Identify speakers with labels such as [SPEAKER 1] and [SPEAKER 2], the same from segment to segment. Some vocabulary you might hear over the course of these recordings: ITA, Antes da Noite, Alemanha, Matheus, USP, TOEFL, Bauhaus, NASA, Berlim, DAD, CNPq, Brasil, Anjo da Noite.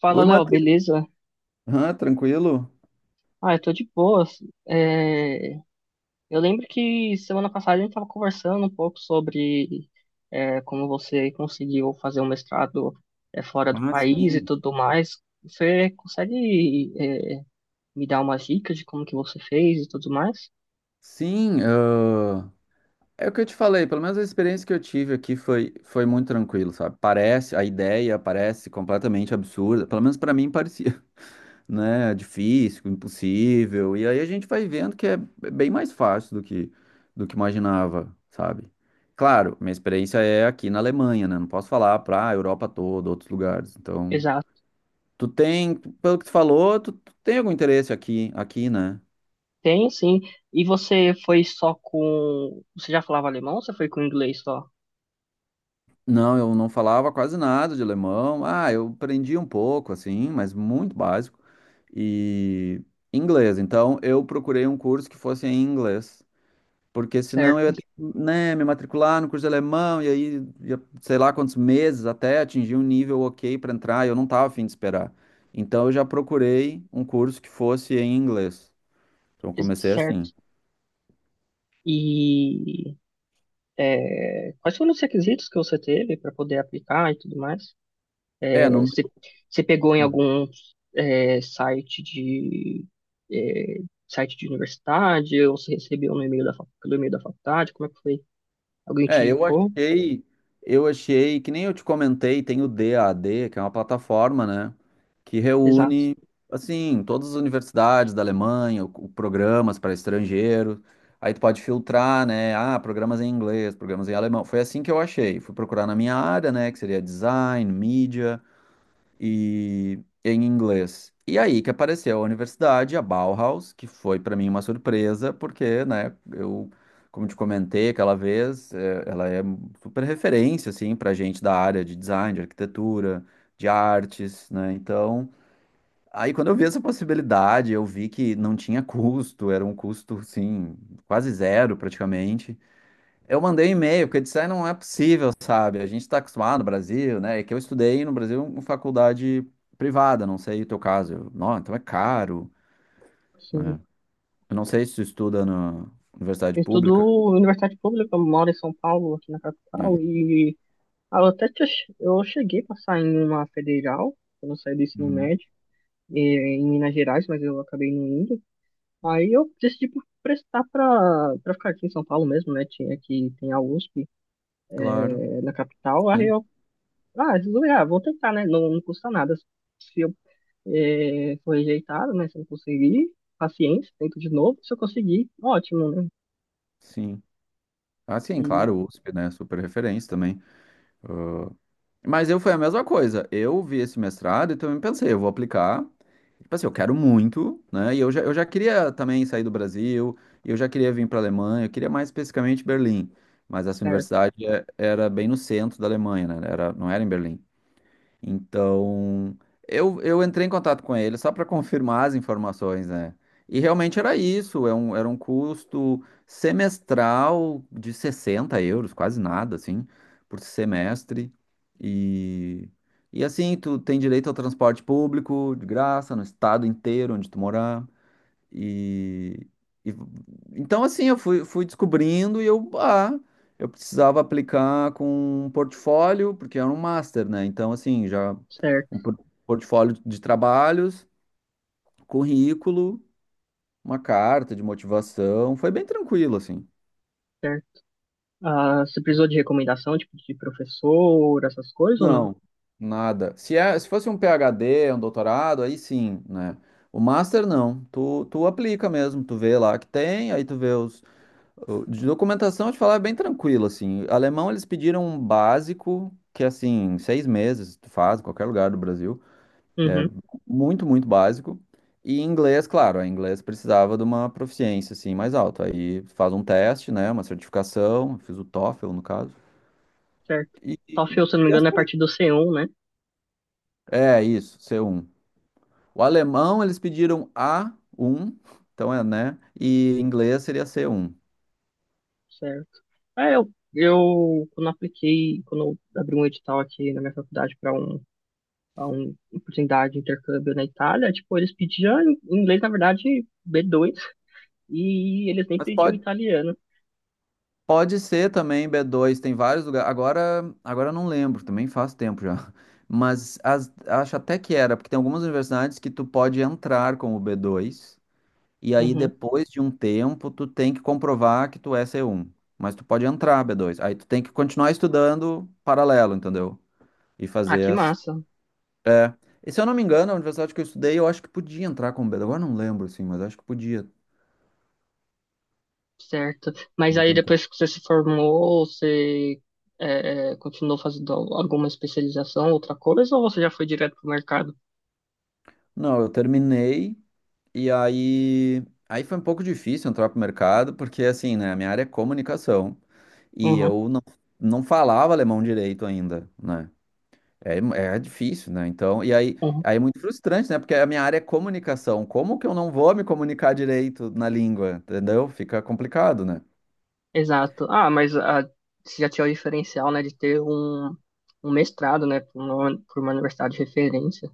[SPEAKER 1] Fala,
[SPEAKER 2] Oi,
[SPEAKER 1] Léo,
[SPEAKER 2] Matheus.
[SPEAKER 1] beleza?
[SPEAKER 2] Ah, tranquilo?
[SPEAKER 1] Ah, eu tô de boas. É, eu lembro que semana passada a gente tava conversando um pouco sobre como você conseguiu fazer um mestrado fora do
[SPEAKER 2] Ah,
[SPEAKER 1] país e
[SPEAKER 2] sim.
[SPEAKER 1] tudo mais. Você consegue me dar umas dicas de como que você fez e tudo mais?
[SPEAKER 2] Sim, é o que eu te falei, pelo menos a experiência que eu tive aqui foi muito tranquilo, sabe? Parece, a ideia parece completamente absurda, pelo menos pra mim parecia, né? Difícil, impossível, e aí a gente vai vendo que é bem mais fácil do que imaginava, sabe? Claro, minha experiência é aqui na Alemanha, né? Não posso falar pra Europa toda, outros lugares, então...
[SPEAKER 1] Exato.
[SPEAKER 2] Tu tem, pelo que tu falou, tu tem algum interesse aqui, aqui, né?
[SPEAKER 1] Tem, sim. E você foi só com... Você já falava alemão ou você foi com inglês só?
[SPEAKER 2] Não, eu não falava quase nada de alemão. Ah, eu aprendi um pouco, assim, mas muito básico. E inglês. Então, eu procurei um curso que fosse em inglês. Porque senão eu
[SPEAKER 1] Certo.
[SPEAKER 2] ia ter que, né, me matricular no curso de alemão e aí, ia, sei lá quantos meses até atingir um nível ok para entrar. E eu não estava afim de esperar. Então, eu já procurei um curso que fosse em inglês. Então, eu comecei
[SPEAKER 1] Certo.
[SPEAKER 2] assim.
[SPEAKER 1] E... quais foram os requisitos que você teve para poder aplicar e tudo mais?
[SPEAKER 2] É,
[SPEAKER 1] É,
[SPEAKER 2] no.
[SPEAKER 1] você, você pegou em algum é, site de é, site de universidade ou você recebeu no e-mail pelo e-mail da faculdade? Como é que foi? Alguém te
[SPEAKER 2] É,
[SPEAKER 1] indicou?
[SPEAKER 2] eu achei que nem eu te comentei, tem o DAD, que é uma plataforma, né, que
[SPEAKER 1] Exato.
[SPEAKER 2] reúne assim todas as universidades da Alemanha, programas para estrangeiros. Aí tu pode filtrar, né? Ah, programas em inglês, programas em alemão. Foi assim que eu achei. Fui procurar na minha área, né, que seria design, mídia e em inglês. E aí que apareceu a universidade, a Bauhaus, que foi para mim uma surpresa, porque, né, eu, como te comentei aquela vez, ela é super referência, assim, para gente da área de design, de arquitetura, de artes, né, então... Aí, quando eu vi essa possibilidade, eu vi que não tinha custo, era um custo, assim, quase zero praticamente. Eu mandei um e-mail, porque disse, "Ah, não é possível, sabe? A gente está acostumado no Brasil, né? É que eu estudei no Brasil em faculdade privada, não sei o teu caso. Eu, não, então é caro,
[SPEAKER 1] Sim.
[SPEAKER 2] né? Eu não sei se tu estuda na universidade
[SPEAKER 1] Eu
[SPEAKER 2] pública.
[SPEAKER 1] estudo em universidade pública, eu moro em São Paulo, aqui na capital,
[SPEAKER 2] Né?
[SPEAKER 1] e ah, eu até te eu cheguei a passar em uma federal, quando eu saí do ensino
[SPEAKER 2] Uhum.
[SPEAKER 1] médio, eh, em Minas Gerais, mas eu acabei não indo. Aí eu decidi por prestar pra ficar aqui em São Paulo mesmo, né? Tinha aqui, tem a USP,
[SPEAKER 2] Claro,
[SPEAKER 1] na capital. Aí
[SPEAKER 2] sim,
[SPEAKER 1] eu, ah, resolvi, ah, vou tentar, né? Não, não custa nada. Se eu for rejeitado, né? Se eu não conseguir, paciência, tento de novo. Se eu conseguir, ótimo, né?
[SPEAKER 2] sim. Ah, sim,
[SPEAKER 1] E
[SPEAKER 2] claro, o USP, né? Super referência também. Mas eu foi a mesma coisa. Eu vi esse mestrado e também pensei, eu vou aplicar. Tipo assim, eu quero muito, né? E eu já queria também sair do Brasil, e eu já queria vir para a Alemanha, eu queria mais especificamente Berlim. Mas essa
[SPEAKER 1] certo,
[SPEAKER 2] universidade era bem no centro da Alemanha, né? Era, não era em Berlim. Então, eu entrei em contato com ele só para confirmar as informações, né? E realmente era isso, era um custo semestral de 60 euros, quase nada, assim, por semestre. E, e assim, tu tem direito ao transporte público de graça no estado inteiro onde tu morar. E, e- então assim, fui descobrindo e eu, ah, eu precisava aplicar com um portfólio, porque era um master, né? Então assim, já
[SPEAKER 1] certo,
[SPEAKER 2] um por- portfólio de trabalhos, currículo, uma carta de motivação, foi bem tranquilo assim.
[SPEAKER 1] certo. Ah, você precisou de recomendação, tipo, de professor, essas coisas ou não?
[SPEAKER 2] Não, nada. Se é, se fosse um PhD, um doutorado, aí sim, né? O master não. Tu aplica mesmo, tu vê lá que tem, aí tu vê os. De documentação, eu te falar, é bem tranquilo, assim. Alemão, eles pediram um básico, que é, assim, seis meses tu faz, em qualquer lugar do Brasil. É
[SPEAKER 1] Uhum,
[SPEAKER 2] muito básico. E inglês, claro, a inglês precisava de uma proficiência, assim, mais alta. Aí faz um teste, né, uma certificação, fiz o TOEFL, no caso.
[SPEAKER 1] certo.
[SPEAKER 2] E... e-.
[SPEAKER 1] TOEFL, se eu não me engano, é a partir do C1, né?
[SPEAKER 2] É, isso, c um. O alemão, eles pediram a um, então é, né, e inglês seria c um.
[SPEAKER 1] Certo. Eu quando eu abri um edital aqui na minha faculdade pra um oportunidade de intercâmbio na Itália, tipo, eles pediam em inglês, na verdade, B2, e eles nem
[SPEAKER 2] Mas
[SPEAKER 1] pediam
[SPEAKER 2] pode,
[SPEAKER 1] italiano.
[SPEAKER 2] pode ser também b dois, tem vários lugares. Agora eu não lembro, também faz tempo já. Mas as- acho até que era, porque tem algumas universidades que tu pode entrar com o b dois e aí
[SPEAKER 1] Uhum.
[SPEAKER 2] depois de um tempo tu tem que comprovar que tu é c um. Mas tu pode entrar b dois. Aí tu tem que continuar estudando paralelo, entendeu? E
[SPEAKER 1] Ah,
[SPEAKER 2] fazer
[SPEAKER 1] que
[SPEAKER 2] as.
[SPEAKER 1] massa.
[SPEAKER 2] É. E se eu não me engano, a universidade que eu estudei, eu acho que podia entrar com B2. Agora eu não lembro, assim, mas acho que
[SPEAKER 1] Certo. Mas aí
[SPEAKER 2] podia entrar.
[SPEAKER 1] depois que você se formou, você continuou fazendo alguma especialização, outra coisa, ou você já foi direto pro mercado?
[SPEAKER 2] Não, eu terminei. E aí, aí foi um pouco difícil entrar pro mercado, porque assim, né, a minha área é comunicação e
[SPEAKER 1] Uhum.
[SPEAKER 2] eu não, não falava alemão direito ainda, né? É, é difícil, né? Então, aí é muito frustrante, né? Porque a minha área é comunicação. Como que eu não vou me comunicar direito na língua? Entendeu? Fica complicado, né?
[SPEAKER 1] Exato. Ah, mas você já tinha o diferencial, né, de ter um mestrado, né, por uma universidade de referência.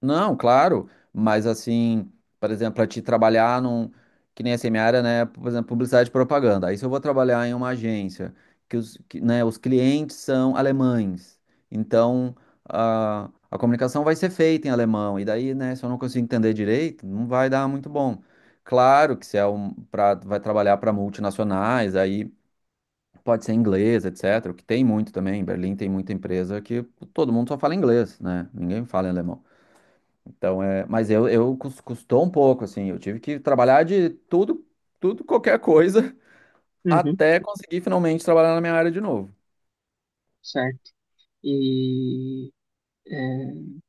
[SPEAKER 2] Não, claro, mas assim, por exemplo, para te trabalhar num, que nem assim, minha área, né, por exemplo, publicidade e propaganda. Aí se eu vou trabalhar em uma agência que né, os clientes são alemães, então a comunicação vai ser feita em alemão, e daí, né, se eu não consigo entender direito, não vai dar muito bom. Claro que se é um, pra, vai trabalhar para multinacionais, aí pode ser inglês, etc, o que tem muito também, em Berlim tem muita empresa que todo mundo só fala inglês, né, ninguém fala em alemão. Então, é, mas eu custou um pouco, assim, eu tive que trabalhar de tudo, tudo, qualquer coisa,
[SPEAKER 1] Uhum,
[SPEAKER 2] até conseguir finalmente trabalhar na minha área de novo.
[SPEAKER 1] certo. E, é,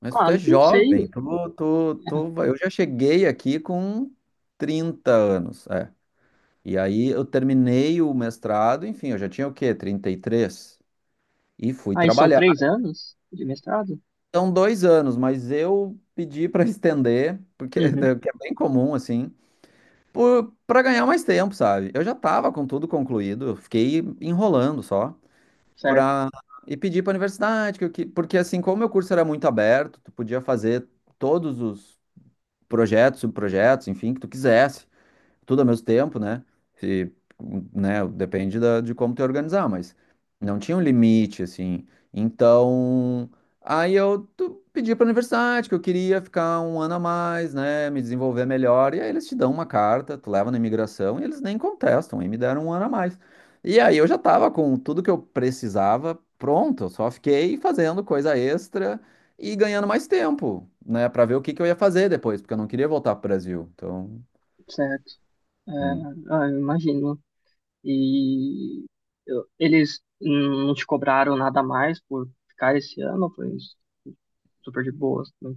[SPEAKER 2] Mas
[SPEAKER 1] ah,
[SPEAKER 2] tu é
[SPEAKER 1] não
[SPEAKER 2] jovem,
[SPEAKER 1] sei.
[SPEAKER 2] eu já cheguei aqui com 30 anos, é. E aí eu terminei o mestrado, enfim, eu já tinha o quê? 33. E fui
[SPEAKER 1] Aí são
[SPEAKER 2] trabalhar.
[SPEAKER 1] 3 anos de mestrado?
[SPEAKER 2] São 2 anos, mas eu pedi para estender, porque
[SPEAKER 1] Uhum,
[SPEAKER 2] é bem comum, assim, pra ganhar mais tempo, sabe? Eu já tava com tudo concluído, eu fiquei enrolando só
[SPEAKER 1] certo,
[SPEAKER 2] pra e pedir pra universidade, que porque assim, como meu curso era muito aberto, tu podia fazer todos os projetos, subprojetos, enfim, que tu quisesse tudo ao mesmo tempo, né? Se, né, depende de como te organizar, mas não tinha um limite, assim. Então, pedi para a universidade que eu queria ficar um ano a mais, né, me desenvolver melhor. E aí eles te dão uma carta, tu leva na imigração e eles nem contestam, aí me deram um ano a mais. E aí eu já estava com tudo que eu precisava pronto, eu só fiquei fazendo coisa extra e ganhando mais tempo, né, para ver o que que eu ia fazer depois, porque eu não queria voltar para o Brasil. Então,
[SPEAKER 1] certo. É,
[SPEAKER 2] hum.
[SPEAKER 1] ah, eu imagino. E eles não te cobraram nada mais por ficar esse ano, foi super de boas, né?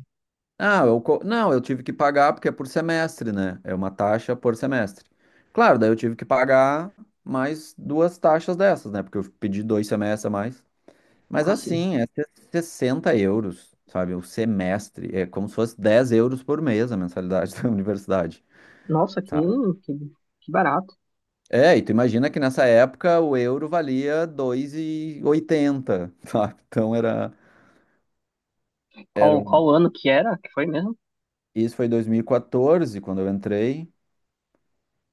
[SPEAKER 2] Ah, não, eu tive que pagar porque é por semestre, né? É uma taxa por semestre. Claro, daí eu tive que pagar mais duas taxas dessas, né? Porque eu pedi dois semestres a mais. Mas
[SPEAKER 1] Assim.
[SPEAKER 2] assim, 60 euros, sabe? O semestre. É como se fosse 10 euros por mês a mensalidade da universidade,
[SPEAKER 1] Nossa, que,
[SPEAKER 2] sabe?
[SPEAKER 1] que, que barato.
[SPEAKER 2] É, e tu imagina que nessa época o euro valia dois e oitenta, sabe? Então era, era
[SPEAKER 1] Qual,
[SPEAKER 2] um...
[SPEAKER 1] qual ano que era? Que foi mesmo?
[SPEAKER 2] Isso foi 2014, quando eu entrei.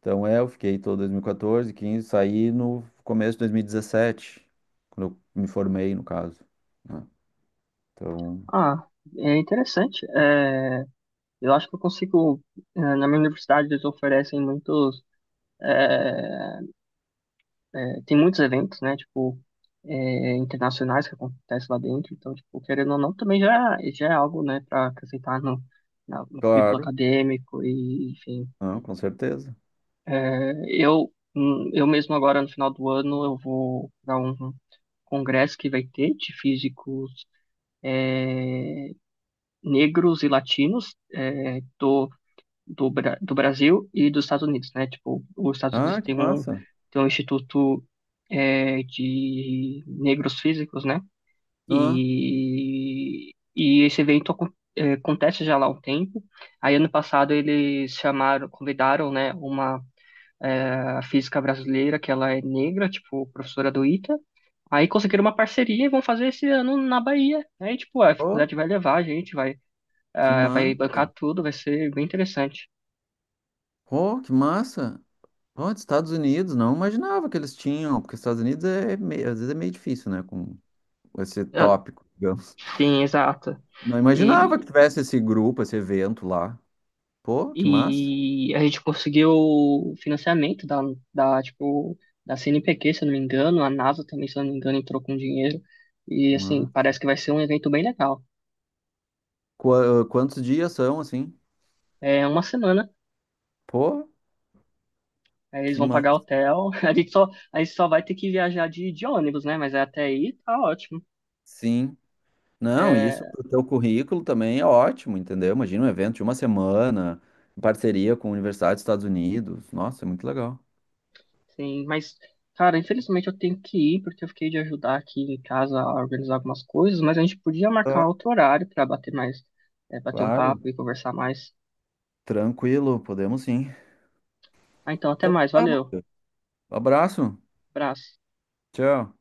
[SPEAKER 2] Então é, eu fiquei todo 2014, 15, saí no começo de 2017, quando eu me formei, no caso. Né? Então.
[SPEAKER 1] Ah, é interessante. Eu acho que eu consigo. Na minha universidade, eles oferecem muitos. Tem muitos eventos, né? Tipo, internacionais que acontecem lá dentro. Então, tipo, querendo ou não, também já é algo, né, para acrescentar no currículo
[SPEAKER 2] Claro.
[SPEAKER 1] acadêmico. E, enfim.
[SPEAKER 2] Ah, com certeza.
[SPEAKER 1] É, eu mesmo agora, no final do ano, eu vou para um congresso que vai ter de físicos negros e latinos. Estou do Brasil e dos Estados Unidos, né? Tipo, os Estados Unidos
[SPEAKER 2] Ah, que
[SPEAKER 1] tem um,
[SPEAKER 2] massa.
[SPEAKER 1] tem um instituto de negros físicos, né?
[SPEAKER 2] Ah,
[SPEAKER 1] E, e esse evento acontece já lá há um tempo. Aí, ano passado, eles chamaram, convidaram, né, uma física brasileira, que ela é negra, tipo, professora do ITA. Aí conseguiram uma parceria e vão fazer esse ano na Bahia, né? E, tipo, a
[SPEAKER 2] oh,
[SPEAKER 1] faculdade vai levar a gente,
[SPEAKER 2] que
[SPEAKER 1] vai bancar
[SPEAKER 2] massa.
[SPEAKER 1] tudo, vai ser bem interessante.
[SPEAKER 2] Oh, que massa. Oh, dos Estados Unidos, não imaginava que eles tinham, porque os Estados Unidos é meio, às vezes é meio difícil, né, com esse tópico, digamos.
[SPEAKER 1] Sim, exato.
[SPEAKER 2] Não
[SPEAKER 1] E,
[SPEAKER 2] imaginava que tivesse esse grupo, esse evento lá. Pô, que massa.
[SPEAKER 1] e a gente conseguiu o financiamento tipo, da CNPq, se eu não me engano, a NASA também, se eu não me engano, entrou com dinheiro. E, assim,
[SPEAKER 2] Massa.
[SPEAKER 1] parece que vai ser um evento bem legal.
[SPEAKER 2] Qua- Quantos dias são assim?
[SPEAKER 1] É uma semana,
[SPEAKER 2] Pô,
[SPEAKER 1] aí eles
[SPEAKER 2] que
[SPEAKER 1] vão pagar
[SPEAKER 2] massa.
[SPEAKER 1] hotel, a gente só vai ter que viajar de ônibus, né? Mas é até aí tá ótimo.
[SPEAKER 2] Sim. Não, isso
[SPEAKER 1] É,
[SPEAKER 2] pro teu currículo também é ótimo, entendeu? Imagina um evento de uma semana, em parceria com a Universidade dos Estados Unidos. Nossa, é muito legal.
[SPEAKER 1] Sim, mas, cara, infelizmente eu tenho que ir, porque eu fiquei de ajudar aqui em casa a organizar algumas coisas, mas a gente podia marcar
[SPEAKER 2] Tá.
[SPEAKER 1] outro horário para bater um
[SPEAKER 2] Claro,
[SPEAKER 1] papo e conversar mais.
[SPEAKER 2] tranquilo, podemos sim.
[SPEAKER 1] Ah, então, até
[SPEAKER 2] Então,
[SPEAKER 1] mais,
[SPEAKER 2] tá,
[SPEAKER 1] valeu,
[SPEAKER 2] Matheus. Abraço.
[SPEAKER 1] abraço.
[SPEAKER 2] Tchau.